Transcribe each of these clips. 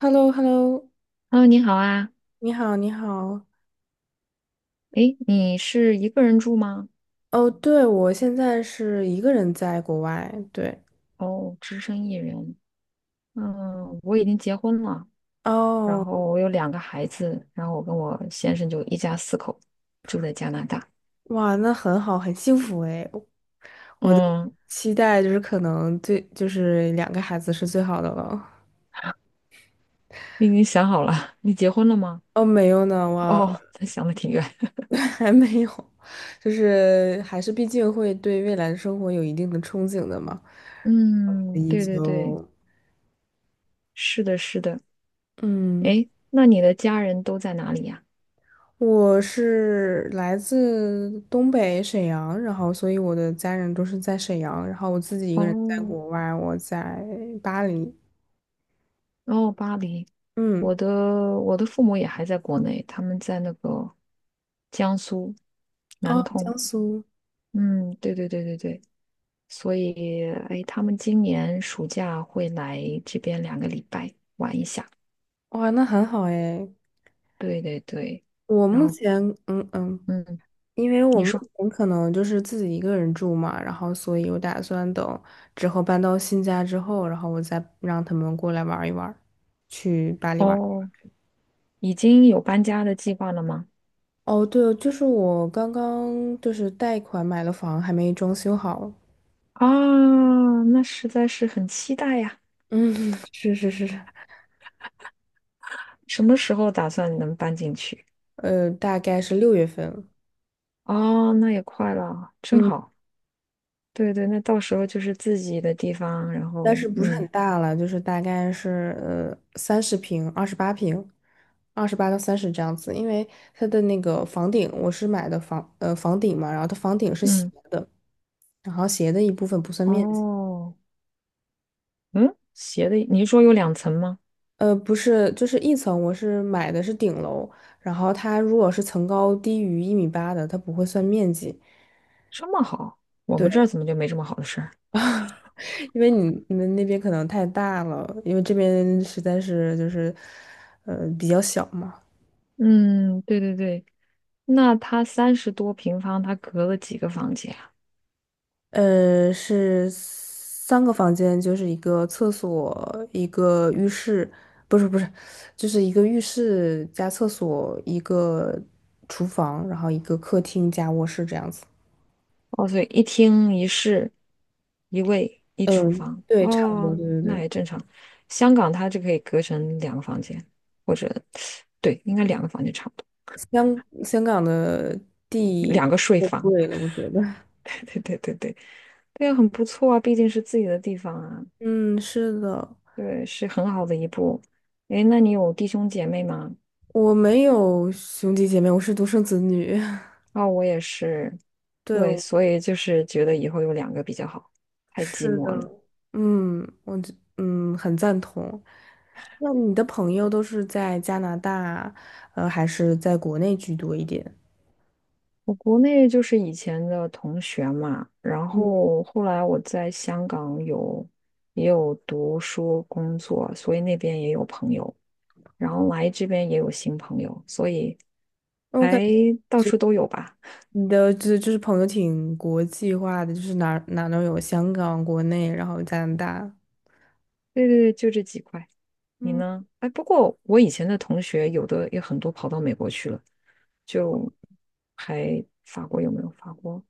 h e l l o h e l l o h e 你好啊。你好，你好。诶，你是一个人住吗？哦，对，我现在是一个人在国外。对，哦，只身一人。嗯，我已经结婚了，然哦，后我有两个孩子，然后我跟我先生就一家四口住在加拿大。哇，那很好，很幸福诶。嗯，期待就是可能就是2个孩子是最好的了。你已经想好了，你结婚了吗？哦，没有呢，我 哦，他想的挺远。还没有，就是还是毕竟会对未来的生活有一定的憧憬的嘛，所嗯，以对对对，就是的，是的。嗯。诶，那你的家人都在哪里呀？我是来自东北沈阳，然后所以我的家人都是在沈阳，然后我自己一个人在哦，国外，我在巴黎。然后巴黎，嗯，我的我的父母也还在国内，他们在那个江苏南哦，江通。苏，嗯，对对对对对，所以哎，他们今年暑假会来这边2个礼拜玩一下。哇，那很好诶。对对对，我然目后前，嗯嗯，嗯，因为我你目说前可能就是自己一个人住嘛，然后所以我打算等之后搬到新家之后，然后我再让他们过来玩一玩去巴黎玩。哦，已经有搬家的计划了吗？哦，对，就是我刚刚就是贷款买了房，还没装修好。啊，那实在是很期待呀！嗯，是是是是。什么时候打算能搬进去？大概是6月份，哦，那也快了，真嗯，好。对对，那到时候就是自己的地方，然但后是不是很嗯大了，就是大概是30平、28平、28到30这样子，因为它的那个房顶，我是买的房顶嘛，然后它房顶是斜嗯的，然后斜的一部分不算面积，哦嗯，斜的，你是说有两层吗？不是，就是一层，我是买的是顶楼，然后它如果是层高低于1米8的，它不会算面积。这么好，我们这儿对。怎么就没这么好的事儿？因为你们那边可能太大了，因为这边实在是就是，比较小嘛。嗯，对对对，那他30多平方，他隔了几个房间啊？是3个房间，就是一个厕所，一个浴室，不是不是，就是一个浴室加厕所，一个厨房，然后一个客厅加卧室这样子。哦，所以一厅一室，一卫一厨嗯，房。对，差不多，哦，对对那对。也正常。香港它就可以隔成两个房间，或者对，应该两个房间差不多，香港的地两个睡太房。贵了，我觉得。对对对对，对啊，很不错啊，毕竟是自己的地方啊，嗯，是的。对，是很好的一步。诶，那你有弟兄姐妹吗？我没有兄弟姐妹，我是独生子女。哦，我也是，对，对，我所以就是觉得以后有两个比较好，太寂是寞的，了。嗯，我这很赞同。那你的朋友都是在加拿大，还是在国内居多一点？我国内就是以前的同学嘛，然嗯，后后来我在香港有也有读书工作，所以那边也有朋友，然后来这边也有新朋友，所以那我感还觉到处都有吧。你的就是朋友挺国际化的，就是哪儿哪儿都有，香港、国内，然后加拿大。对对对，就这几块。你嗯呢？哎，不过我以前的同学有的也很多跑到美国去了，就还法国有没有法国？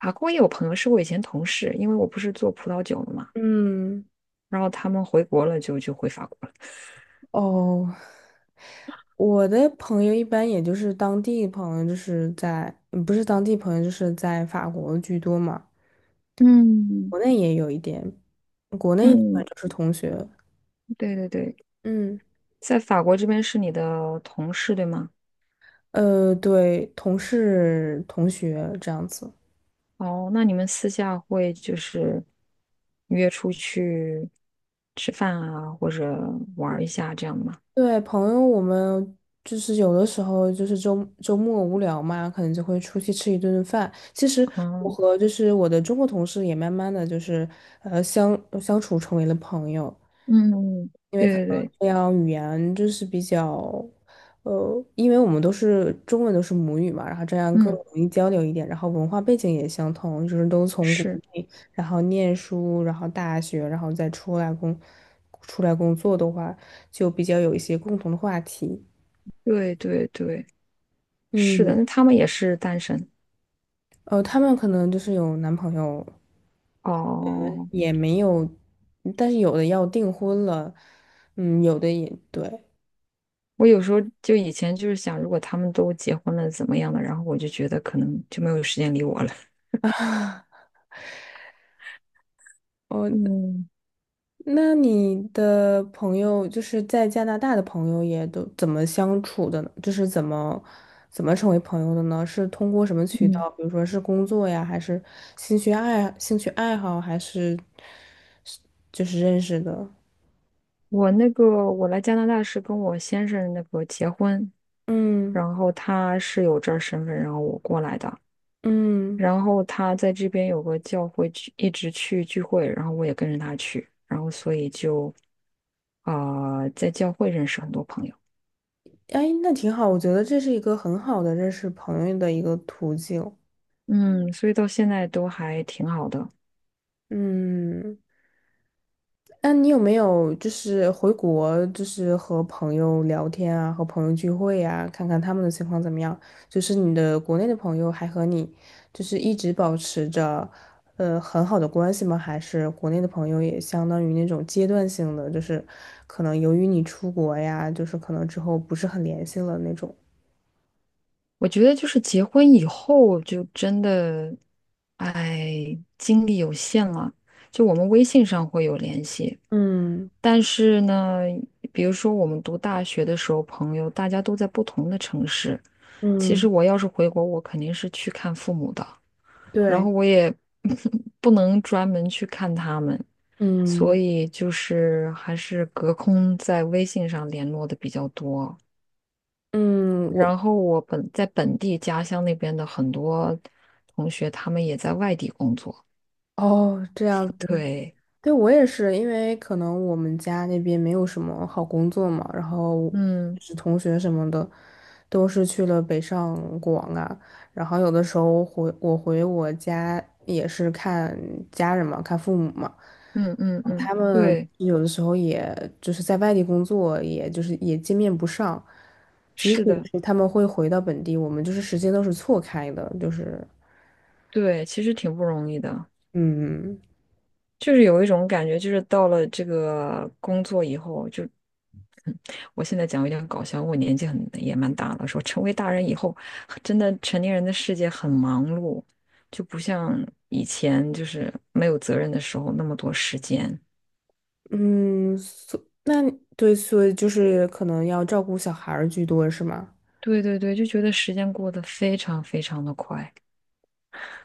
法国也有朋友是我以前同事，因为我不是做葡萄酒的嘛，嗯，然后他们回国了就回法国了。哦，我的朋友一般也就是当地朋友，就是在，不是当地朋友，就是在法国居多嘛。嗯国内也有一点，国内基本嗯，就是同学，对对对，嗯，在法国这边是你的同事对吗？对，同事、同学这样子。哦，那你们私下会就是约出去吃饭啊，或者玩儿一下这样吗？对，朋友，我们就是有的时候就是周末无聊嘛，可能就会出去吃一顿饭。其实我嗯，和就是我的中国同事也慢慢的就是相处成为了朋友。嗯因为可对对能对。这样语言就是比较，因为我们都是中文都是母语嘛，然后这样更嗯容易交流一点，然后文化背景也相同，就是都从国是，内，然后念书，然后大学，然后再出来工作的话，就比较有一些共同的话题。对对对，是嗯，的，那他们也是单身他们可能就是有男朋友，呃，哦。也没有，但是有的要订婚了，嗯，有的也对。我有时候就以前就是想，如果他们都结婚了怎么样的？然后我就觉得可能就没有时间理我了。嗯那你的朋友就是在加拿大的朋友也都怎么相处的呢？就是怎么成为朋友的呢？是通过什么渠嗯，道？比如说是工作呀，还是兴趣爱好，还是就是认识的？我那个我来加拿大是跟我先生那个结婚，嗯然后他是有这儿身份，然后我过来的，嗯，然后他在这边有个教会去，一直去聚会，然后我也跟着他去，然后所以就在教会认识很多朋友。哎，那挺好，我觉得这是一个很好的认识朋友的一个途径。嗯，所以到现在都还挺好的。嗯。那你有没有就是回国，就是和朋友聊天啊，和朋友聚会呀，看看他们的情况怎么样？就是你的国内的朋友还和你就是一直保持着很好的关系吗？还是国内的朋友也相当于那种阶段性的，就是可能由于你出国呀，就是可能之后不是很联系了那种。我觉得就是结婚以后就真的，哎，精力有限了。就我们微信上会有联系，嗯但是呢，比如说我们读大学的时候，朋友大家都在不同的城市。其实嗯，我要是回国，我肯定是去看父母的，然对，后我也 不能专门去看他们，所嗯以就是还是隔空在微信上联络的比较多。嗯，然后我在本地家乡那边的很多同学，他们也在外地工作。哦这样。对，对，我也是，因为可能我们家那边没有什么好工作嘛，然后嗯是同学什么的，都是去了北上广啊，然后有的时候回我家也是看家人嘛，看父母嘛，嗯嗯嗯，他们对，有的时候也就是在外地工作，也就是也见面不上，即使是的，是他们会回到本地，我们就是时间都是错开的，就是对，其实挺不容易的。嗯。就是有一种感觉，就是到了这个工作以后，就，嗯我现在讲有点搞笑，我年纪很也蛮大了，说成为大人以后，真的成年人的世界很忙碌，就不像以前就是没有责任的时候那么多时间。嗯，那对，所以就是可能要照顾小孩儿居多，是吗？对对对，就觉得时间过得非常非常的快。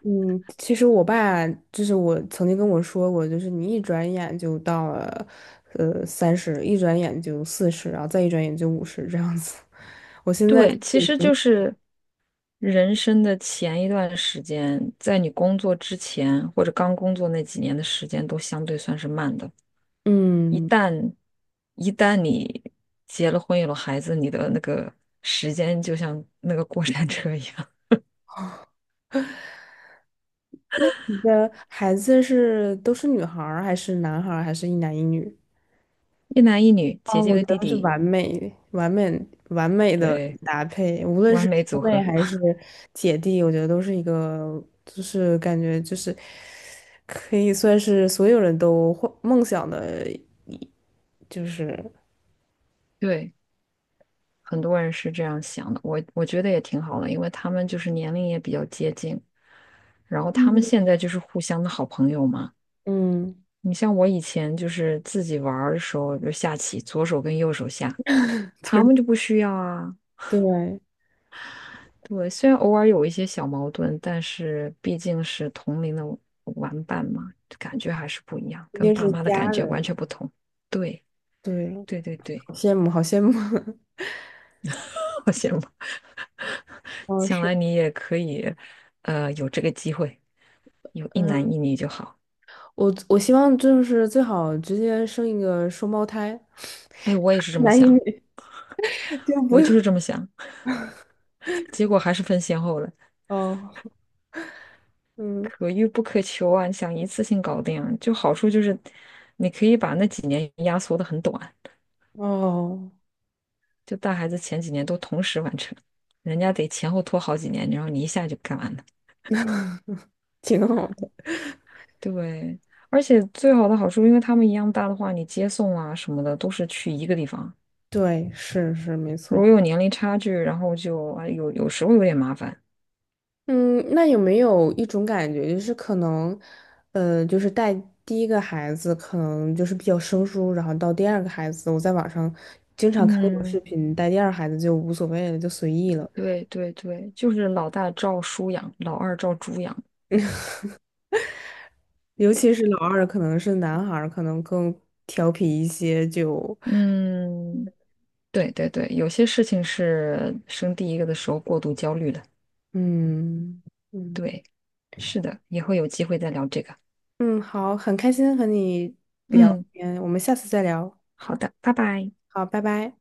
嗯，其实我爸就是我曾经跟我说过，就是你一转眼就到了，三十，一转眼就40，然后再一转眼就50这样子。对，其实就 是人生的前一段时间，在你工作之前或者刚工作那几年的时间都相对算是慢的。一嗯。旦一旦你结了婚有了孩子，你的那个时间就像那个过山车一样。那你的孩子都是女孩儿，还是男孩儿，还是一男一女？一男一女，啊，姐姐我和觉弟得是弟，完美、完美、完美的对，搭配，无论完是美兄组妹合。还是姐弟，我觉得都是一个，就是感觉就是可以算是所有人都幻梦想的就是对，很多人是这样想的，我觉得也挺好的，因为他们就是年龄也比较接近。然后他们嗯现在就是互相的好朋友嘛。嗯，你像我以前就是自己玩儿的时候，就下棋，左手跟右手下，就他是们就不需要啊。对，对，虽然偶尔有一些小矛盾，但是毕竟是同龄的玩伴嘛，感觉还是不一样，一跟定爸是妈的家感觉完人，全不同。对，对，对对对，好羡慕，好羡慕。好羡慕。哦，将是，来你也可以，有这个机会，有一男嗯，一女就好。我希望就是最好直接生一个双胞胎，哎，我也是这么男一女，想，就不我用就是这么想，结果还是分先后了。哦，嗯，可遇不可求啊，你想一次性搞定啊，就好处就是你可以把那几年压缩的很短，哦。就带孩子前几年都同时完成，人家得前后拖好几年，然后你一下就干完了。挺好的。对，而且最好的好处，因为他们一样大的话，你接送啊什么的都是去一个地方，对，是是没如果错。有年龄差距，然后就啊有时候有点麻烦。嗯，那有没有一种感觉，就是可能，就是带第一个孩子可能就是比较生疏，然后到第二个孩子，我在网上经常看那种视嗯，频，带第二孩子就无所谓了，就随意了。对对对，就是老大照书养，老二照猪养。尤其是老二，可能是男孩儿，可能更调皮一些，就，嗯，对对对，有些事情是生第一个的时候过度焦虑了。嗯嗯对，是的，以后有机会再聊这个。嗯，好，很开心和你聊嗯，天，我们下次再聊，好的，拜拜。好，拜拜。